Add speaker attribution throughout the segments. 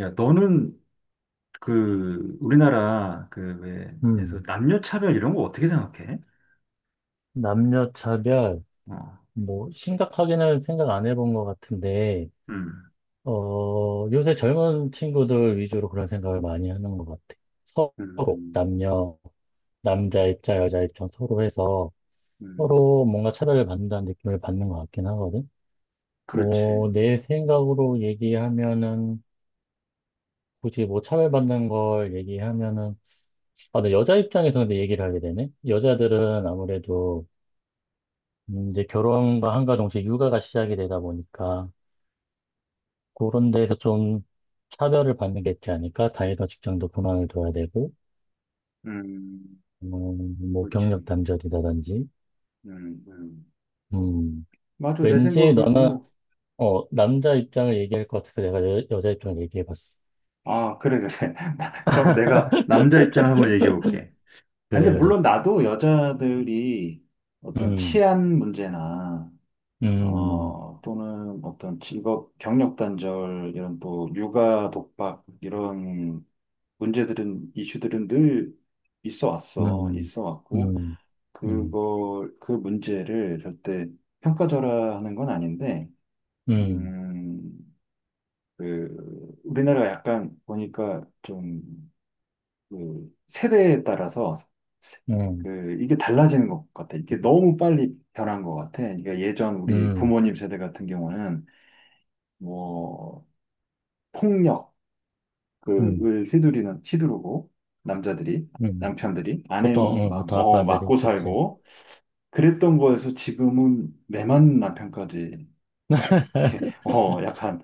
Speaker 1: 야, 너는 그 우리나라 그 왜, 그래서
Speaker 2: 음,
Speaker 1: 남녀 차별 이런 거 어떻게 생각해?
Speaker 2: 남녀 차별,
Speaker 1: 어,
Speaker 2: 뭐, 심각하게는 생각 안 해본 것 같은데,
Speaker 1: 음,
Speaker 2: 요새 젊은 친구들 위주로 그런 생각을 많이 하는 것 같아. 서로,
Speaker 1: 음,
Speaker 2: 남녀, 남자 입장, 여자 입장 서로 해서
Speaker 1: 음,
Speaker 2: 서로 뭔가 차별을 받는다는 느낌을 받는 것 같긴 하거든. 뭐,
Speaker 1: 그렇지.
Speaker 2: 내 생각으로 얘기하면은, 굳이 뭐 차별받는 걸 얘기하면은, 아, 근 여자 입장에서 근데 얘기를 하게 되네. 여자들은 아무래도 이제 결혼과 한가 동시에 육아가 시작이 되다 보니까 그런 데에서 좀 차별을 받는 게 있지 않을까? 다이더 직장도 그만을 둬야 되고,
Speaker 1: 음,
Speaker 2: 뭐
Speaker 1: 그렇지.
Speaker 2: 경력 단절이라든지.
Speaker 1: 음, 음.
Speaker 2: 음,
Speaker 1: 맞아, 내
Speaker 2: 왠지 너는
Speaker 1: 생각에도.
Speaker 2: 남자 입장을 얘기할 것 같아서 내가 여자 입장을 얘기해 봤어.
Speaker 1: 아, 그래, 그래. 그럼 내가 남자 입장 한번 얘기해 볼게. 아니,
Speaker 2: 그래,
Speaker 1: 근데
Speaker 2: 그래.
Speaker 1: 물론 나도 여자들이 어떤
Speaker 2: 음.
Speaker 1: 치안 문제나,
Speaker 2: 음.
Speaker 1: 어, 또는 어떤 직업 경력 단절, 이런 또 육아 독박, 이런 문제들은, 이슈들은 늘 있어 왔어.
Speaker 2: 음.
Speaker 1: 있어 왔고,
Speaker 2: 음. 음.
Speaker 1: 그걸, 그 문제를 절대 평가절하하는 건 아닌데,
Speaker 2: 음.
Speaker 1: 음, 그, 우리나라가 약간 보니까 좀, 그, 세대에 따라서
Speaker 2: 음.
Speaker 1: 그, 이게 달라지는 것 같아. 이게 너무 빨리 변한 것 같아. 그러니까 예전 우리
Speaker 2: 음.
Speaker 1: 부모님 세대 같은 경우는 뭐, 폭력,
Speaker 2: 음.
Speaker 1: 그을 휘두르는 휘두르고 남자들이
Speaker 2: 음.
Speaker 1: 남편들이 아내는
Speaker 2: 보통, 음,
Speaker 1: 막
Speaker 2: 보통
Speaker 1: 어,
Speaker 2: 아빠들이,
Speaker 1: 맞고
Speaker 2: 그치?
Speaker 1: 살고 그랬던 거에서 지금은 매만 남편까지 그렇- 게 어 약간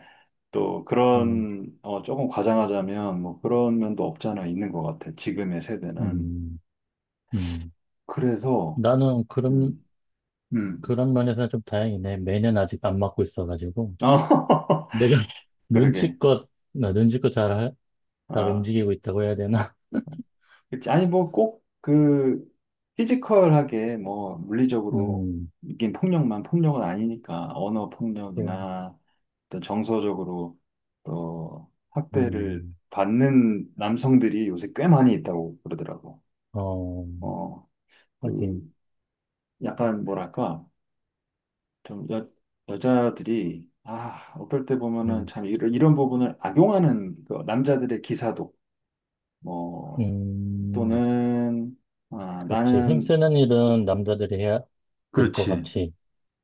Speaker 1: 또
Speaker 2: 음.
Speaker 1: 그런 어 조금 과장하자면 뭐 그런 면도 없잖아 있는 것 같아, 지금의 세대는.
Speaker 2: 음. 음.
Speaker 1: 그래서
Speaker 2: 나는
Speaker 1: 음음,
Speaker 2: 그런 면에서는 좀 다행이네. 매년 아직 안 맞고 있어가지고.
Speaker 1: 어,
Speaker 2: 내가
Speaker 1: 그러게,
Speaker 2: 눈치껏 잘, 잘
Speaker 1: 아.
Speaker 2: 움직이고 있다고 해야 되나?
Speaker 1: 그치. 아니, 뭐, 꼭, 그, 피지컬하게, 뭐, 물리적으로,
Speaker 2: 음.
Speaker 1: 이게 폭력만 폭력은 아니니까, 언어
Speaker 2: 또.
Speaker 1: 폭력이나, 또 정서적으로, 또, 학대를
Speaker 2: 음.
Speaker 1: 받는 남성들이 요새 꽤 많이 있다고 그러더라고.
Speaker 2: 어,
Speaker 1: 어, 그,
Speaker 2: 하긴.
Speaker 1: 약간, 뭐랄까, 좀, 여자들이, 아, 어떨 때 보면은
Speaker 2: 음.
Speaker 1: 참, 이런 부분을 악용하는, 그 남자들의 기사도, 뭐,
Speaker 2: 음.
Speaker 1: 또는, 아,
Speaker 2: 그렇지.
Speaker 1: 나는,
Speaker 2: 힘쓰는 일은 남자들이 해야 될 것
Speaker 1: 그렇지.
Speaker 2: 같이.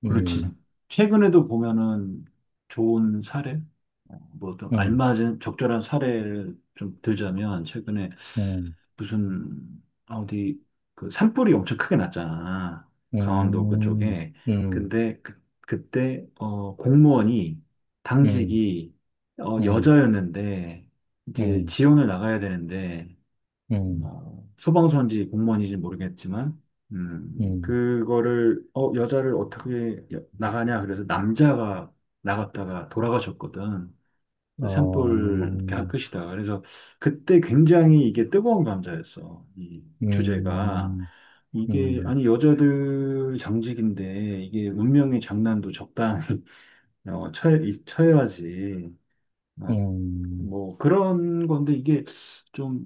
Speaker 1: 그렇지.
Speaker 2: 음.
Speaker 1: 최근에도 보면은 좋은 사례, 어, 뭐좀
Speaker 2: 음.
Speaker 1: 알맞은 적절한 사례를 좀 들자면 최근에
Speaker 2: 음.
Speaker 1: 무슨 아, 어디 그 산불이 엄청 크게 났잖아. 강원도
Speaker 2: 음.
Speaker 1: 그쪽에.
Speaker 2: 음.
Speaker 1: 근데 그때 어 공무원이
Speaker 2: 음.
Speaker 1: 당직이 어
Speaker 2: 음.
Speaker 1: 여자였는데
Speaker 2: 음.
Speaker 1: 이제
Speaker 2: 음.
Speaker 1: 지원을 나가야 되는데,
Speaker 2: 음.
Speaker 1: 뭐, 소방서인지 공무원인지 모르겠지만,
Speaker 2: 음.
Speaker 1: 그거를, 어, 여자를 어떻게 나가냐. 그래서 남자가 나갔다가 돌아가셨거든. 그 산불
Speaker 2: 어.
Speaker 1: 이렇게 할 것이다. 그래서 그때 굉장히 이게 뜨거운 감자였어. 이 주제가.
Speaker 2: 음.
Speaker 1: 이게,
Speaker 2: 음.
Speaker 1: 아니, 여자들 장직인데, 이게 운명의 장난도 적당히, 어, 쳐야, 야지. 어?
Speaker 2: 음.
Speaker 1: 뭐, 그런 건데, 이게 좀,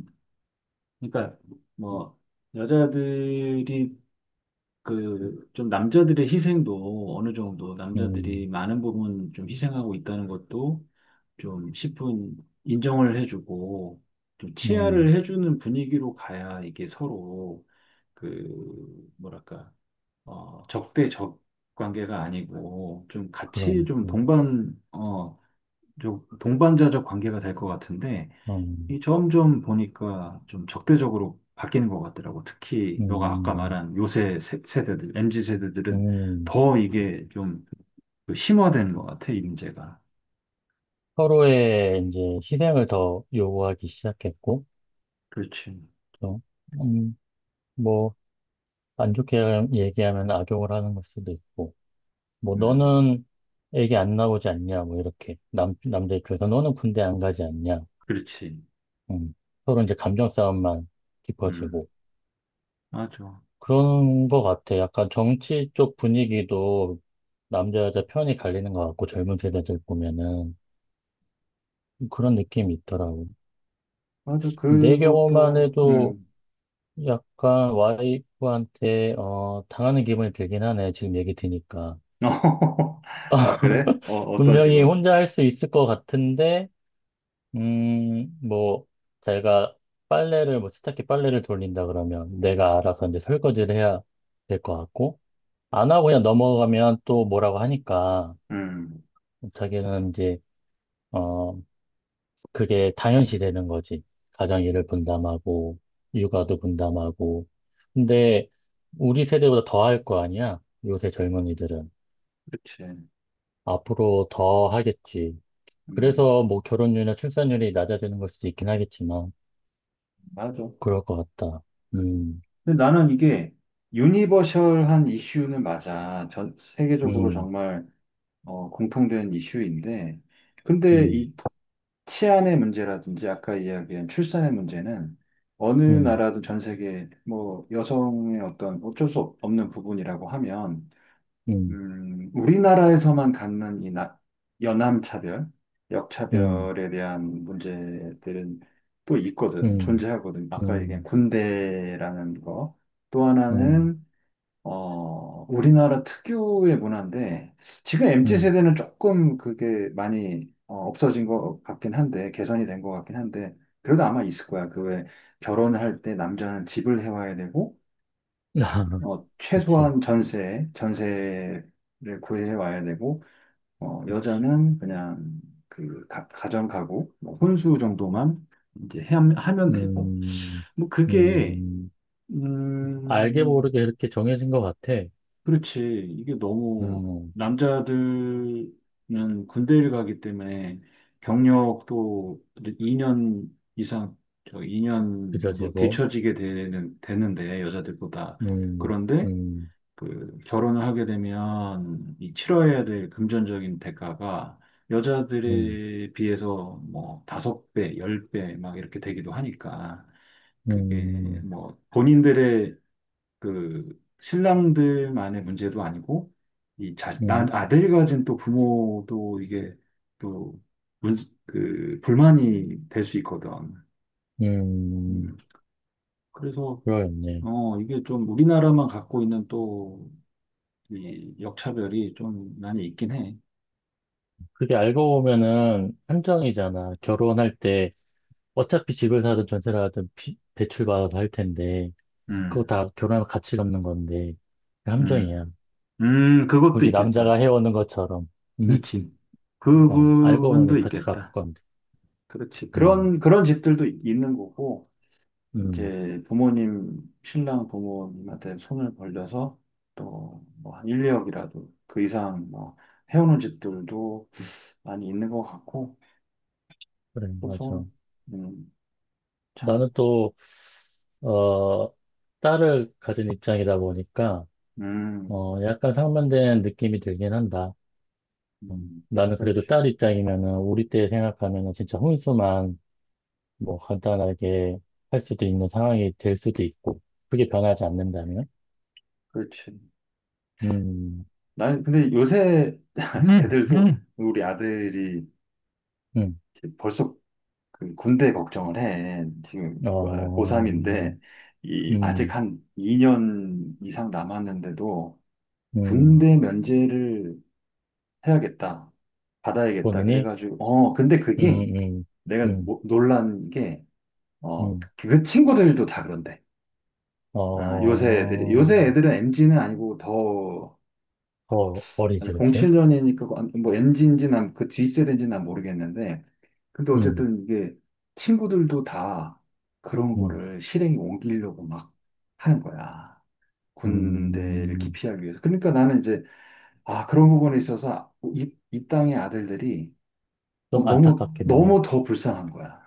Speaker 1: 그러니까 뭐 여자들이 그 좀 남자들의 희생도 어느 정도 남자들이
Speaker 2: 음.
Speaker 1: 많은 부분 좀 희생하고 있다는 것도 좀 십분 인정을 해주고 좀
Speaker 2: 음.
Speaker 1: 치아를 해주는 분위기로 가야 이게 서로 그 뭐랄까 어 적대적 관계가 아니고 좀 같이
Speaker 2: 그런.
Speaker 1: 좀
Speaker 2: 음.
Speaker 1: 동반 어좀 동반자적 관계가 될 것 같은데, 이 점점 보니까 좀 적대적으로 바뀌는 것 같더라고. 특히 너가 아까
Speaker 2: 음.
Speaker 1: 말한 요새 대들, MZ 세대들은
Speaker 2: 음.
Speaker 1: 더 이게 좀그 심화되는 것 같아, 이 문제가.
Speaker 2: 서로의 이제 희생을 더 요구하기 시작했고,
Speaker 1: 그렇지.
Speaker 2: 또, 음, 뭐, 안 좋게 얘기하면 악용을 하는 걸 수도 있고, 뭐,
Speaker 1: 음,
Speaker 2: 너는 애기 안 나오지 않냐, 뭐, 이렇게. 남자 입장에서 너는 군대 안 가지 않냐.
Speaker 1: 그렇지.
Speaker 2: 음, 서로 이제 감정 싸움만
Speaker 1: 음,
Speaker 2: 깊어지고,
Speaker 1: 맞아.
Speaker 2: 그런 것 같아. 약간 정치 쪽 분위기도 남자 여자 편이 갈리는 것 같고 젊은 세대들 보면은 그런 느낌이 있더라고.
Speaker 1: 맞아,
Speaker 2: 내 경우만
Speaker 1: 그것도,
Speaker 2: 해도
Speaker 1: 음.
Speaker 2: 약간 와이프한테 당하는 기분이 들긴 하네. 지금 얘기 드니까.
Speaker 1: 어, 아, 그래? 어, 어떤
Speaker 2: 분명히
Speaker 1: 식으로?
Speaker 2: 혼자 할 수 있을 것 같은데 뭐 자기가 빨래를 뭐 세탁기 빨래를 돌린다 그러면 내가 알아서 이제 설거지를 해야 될 것 같고 안 하고 그냥 넘어가면 또 뭐라고 하니까
Speaker 1: 음,
Speaker 2: 자기는 이제 어 그게 당연시 되는 거지. 가정일을 분담하고 육아도 분담하고. 근데 우리 세대보다 더 할 거 아니야? 요새 젊은이들은
Speaker 1: 그렇지.
Speaker 2: 앞으로 더 하겠지.
Speaker 1: 음,
Speaker 2: 그래서 뭐 결혼율이나 출산율이 낮아지는 걸 수도 있긴 하겠지만
Speaker 1: 맞아.
Speaker 2: 그럴 것 같다.
Speaker 1: 음.
Speaker 2: 음.
Speaker 1: 근데 나는 이게 유니버셜한 이슈는 맞아. 전 세계적으로
Speaker 2: 음.
Speaker 1: 정말 어, 공통된 이슈인데, 근데
Speaker 2: 음.
Speaker 1: 이 치안의 문제라든지 아까 이야기한 출산의 문제는 어느
Speaker 2: 음.
Speaker 1: 나라든 전 세계, 뭐 여성의 어떤 어쩔 수 없는 부분이라고 하면,
Speaker 2: 음.
Speaker 1: 우리나라에서만 갖는 이 여남차별,
Speaker 2: 음.
Speaker 1: 역차별에 대한 문제들은 또 있거든,
Speaker 2: 음.
Speaker 1: 존재하거든. 아까 얘기한
Speaker 2: 음.
Speaker 1: 군대라는 거. 또
Speaker 2: 음.
Speaker 1: 하나는 어, 우리나라 특유의 문화인데, 지금 MZ
Speaker 2: 음.
Speaker 1: 세대는 조금 그게 많이 어, 없어진 것 같긴 한데, 개선이 된 것 같긴 한데, 그래도 아마 있을 거야. 그 왜 결혼할 때 남자는 집을 해와야 되고, 어,
Speaker 2: 그치,
Speaker 1: 최소한 전세를 구해와야 되고, 어,
Speaker 2: 그치.
Speaker 1: 여자는 그냥 그 정 가구, 뭐 혼수 정도만 이제 하면 되고,
Speaker 2: 음.
Speaker 1: 뭐 그게,
Speaker 2: 음. 알게
Speaker 1: 음,
Speaker 2: 모르게 이렇게 정해진 것 같아.
Speaker 1: 그렇지. 이게 너무
Speaker 2: 음.
Speaker 1: 남자들은 군대를 가기 때문에 경력도 2년 이상, 저 2년
Speaker 2: 그저
Speaker 1: 정도
Speaker 2: 제곱.
Speaker 1: 되는데, 여자들보다.
Speaker 2: 음.
Speaker 1: 그런데
Speaker 2: 음.
Speaker 1: 그 결혼을 하게 되면 이 치러야 될 금전적인 대가가
Speaker 2: 음.
Speaker 1: 여자들에 비해서 뭐 5배, 10배 막 이렇게 되기도 하니까, 그게
Speaker 2: 음.
Speaker 1: 뭐 본인들의 그 신랑들만의 문제도 아니고 이
Speaker 2: 음.
Speaker 1: 아들 가진 또 부모도 이게 또 문, 그 불만이 될 수 있거든.
Speaker 2: 음.
Speaker 1: 음, 그래서
Speaker 2: 그러겠네.
Speaker 1: 어 이게 좀 우리나라만 갖고 있는 또 이 역차별이 좀 많이 있긴 해.
Speaker 2: 그게 알고 보면은 한정이잖아. 결혼할 때 어차피 집을 사든 전세를 하든 대출받아서 할 텐데, 그거
Speaker 1: 음,
Speaker 2: 다 결혼하면 같이 갚는 건데, 그
Speaker 1: 음,
Speaker 2: 함정이야.
Speaker 1: 그것도
Speaker 2: 굳이 남자가
Speaker 1: 있겠다.
Speaker 2: 해오는 것처럼.
Speaker 1: 그렇지. 그
Speaker 2: 어, 알고 보니
Speaker 1: 부분도
Speaker 2: 같이 갚을
Speaker 1: 있겠다.
Speaker 2: 건데.
Speaker 1: 그렇지.
Speaker 2: 음.
Speaker 1: 그런 집들도 있는 거고.
Speaker 2: 음.
Speaker 1: 이제 부모님, 신랑 부모님한테 손을 벌려서 또 뭐 한 1, 2억이라도 그 이상 뭐 해오는 집들도 많이 있는 것 같고,
Speaker 2: 그래,
Speaker 1: 그래서,
Speaker 2: 맞아.
Speaker 1: 음, 참,
Speaker 2: 나는 또, 어, 딸을 가진 입장이다 보니까,
Speaker 1: 음,
Speaker 2: 약간 상반된 느낌이 들긴 한다.
Speaker 1: 음,
Speaker 2: 나는
Speaker 1: 그렇지,
Speaker 2: 그래도 딸 입장이면은, 우리 때 생각하면은 진짜 혼수만 뭐 간단하게 할 수도 있는 상황이 될 수도 있고, 그게 변하지 않는다면,
Speaker 1: 그렇지.
Speaker 2: 음.
Speaker 1: 나는 근데 요새 애들도, 우리 아들이
Speaker 2: 음.
Speaker 1: 이제 벌써 그 군대 걱정을 해. 지금
Speaker 2: 어.
Speaker 1: 고3인데, 이
Speaker 2: 음.
Speaker 1: 아직 한 2년 이상 남았는데도
Speaker 2: 음.
Speaker 1: 군대 면제를 해야겠다. 받아야겠다.
Speaker 2: 본인이.
Speaker 1: 그래가지고, 어, 근데
Speaker 2: 음.
Speaker 1: 그게
Speaker 2: 음.
Speaker 1: 내가
Speaker 2: 음.
Speaker 1: 놀란 게, 어,
Speaker 2: 음.
Speaker 1: 그 친구들도 다 그런데.
Speaker 2: 어,
Speaker 1: 아,
Speaker 2: 어,
Speaker 1: 요새 애들은 m 지는 아니고 더,
Speaker 2: 어리지, 그렇지?
Speaker 1: 07년이니까 뭐 m 지인지 난 그 뒷세대인지 난 모르겠는데, 근데
Speaker 2: 음.
Speaker 1: 어쨌든 이게 친구들도 다 그런
Speaker 2: 음.
Speaker 1: 거를 실행에 옮기려고 막 하는 거야. 군대를
Speaker 2: 음,
Speaker 1: 기피하기 위해서. 그러니까 나는 이제, 아, 그런 부분에 있어서 이 땅의 아들들이 어,
Speaker 2: 좀
Speaker 1: 너무,
Speaker 2: 안타깝겠네.
Speaker 1: 너무 더 불쌍한 거야.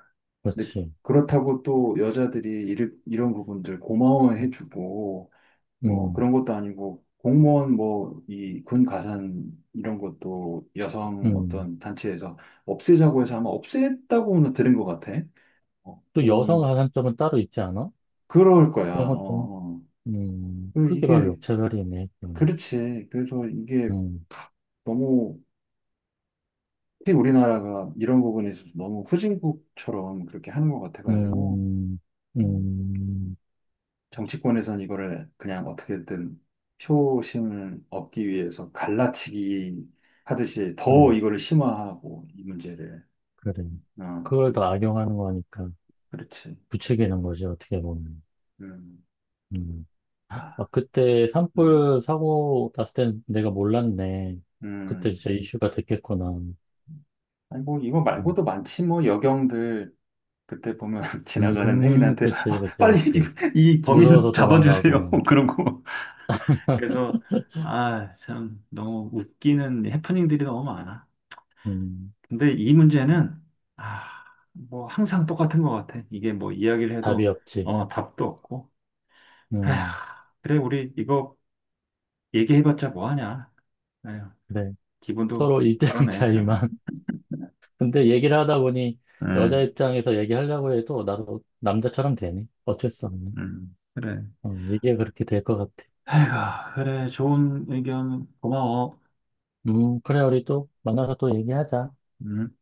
Speaker 1: 근데
Speaker 2: 그렇지.
Speaker 1: 그렇다고 또 여자들이 이런 부분들 고마워해주고, 뭐
Speaker 2: 음.
Speaker 1: 그런 것도 아니고, 공무원 뭐 이 군 가산 이런 것도 여성
Speaker 2: 음.
Speaker 1: 어떤 단체에서 없애자고 해서 아마 없앴다고는 들은 것 같아. 어,
Speaker 2: 또 여성 가산점은 따로 있지 않아?
Speaker 1: 그럴 거야.
Speaker 2: 그런
Speaker 1: 어,
Speaker 2: 것도,
Speaker 1: 어. 그
Speaker 2: 그게 바로
Speaker 1: 이게,
Speaker 2: 역차별이네. 음.
Speaker 1: 그렇지. 그래서 이게
Speaker 2: 음.
Speaker 1: 너무, 특히 우리나라가 이런 부분에 있어서 너무 후진국처럼 그렇게 하는 것 같아가지고,
Speaker 2: 음.
Speaker 1: 음.
Speaker 2: 음.
Speaker 1: 정치권에선 이거를 그냥 어떻게든 표심을 얻기 위해서 갈라치기 하듯이
Speaker 2: 그래,
Speaker 1: 더 이거를 심화하고 이 문제를,
Speaker 2: 그래.
Speaker 1: 어,
Speaker 2: 그걸 더 악용하는 거니까
Speaker 1: 그렇지,
Speaker 2: 부추기는 거지, 어떻게 보면. 음. 아, 그때
Speaker 1: 음아음음.
Speaker 2: 산불 사고 났을 땐 내가 몰랐네. 그때 진짜 이슈가 됐겠구나.
Speaker 1: 아니 뭐 이거
Speaker 2: 음.
Speaker 1: 말고도 많지, 뭐 여경들 그때 보면 지나가는
Speaker 2: 음.
Speaker 1: 행인한테
Speaker 2: 그치,
Speaker 1: 아,
Speaker 2: 그치,
Speaker 1: 빨리
Speaker 2: 그치.
Speaker 1: 이 범인
Speaker 2: 무서워서
Speaker 1: 잡아주세요
Speaker 2: 도망가고.
Speaker 1: 그런 거. 그래서 아 참 너무 웃기는 해프닝들이 너무 많아.
Speaker 2: 음.
Speaker 1: 근데 이 문제는 아, 뭐 항상 똑같은 것 같아. 이게 뭐 이야기를
Speaker 2: 답이
Speaker 1: 해도,
Speaker 2: 없지.
Speaker 1: 어, 답도 없고. 에휴,
Speaker 2: 음.
Speaker 1: 그래 우리 이거 얘기해봤자 뭐 하냐. 에휴,
Speaker 2: 그래.
Speaker 1: 기분도
Speaker 2: 서로
Speaker 1: 좀
Speaker 2: 입장
Speaker 1: 그러네.
Speaker 2: 차이만. 근데 얘기를 하다 보니 여자
Speaker 1: 응,
Speaker 2: 입장에서 얘기하려고 해도 나도 남자처럼 되네. 어쩔 수 없네.
Speaker 1: 응 그래.
Speaker 2: 얘기가 그렇게 될 것 같아.
Speaker 1: 에휴, 그래 좋은 의견 고마워.
Speaker 2: 그래, 우리 또 만나서 또 얘기하자.
Speaker 1: 음.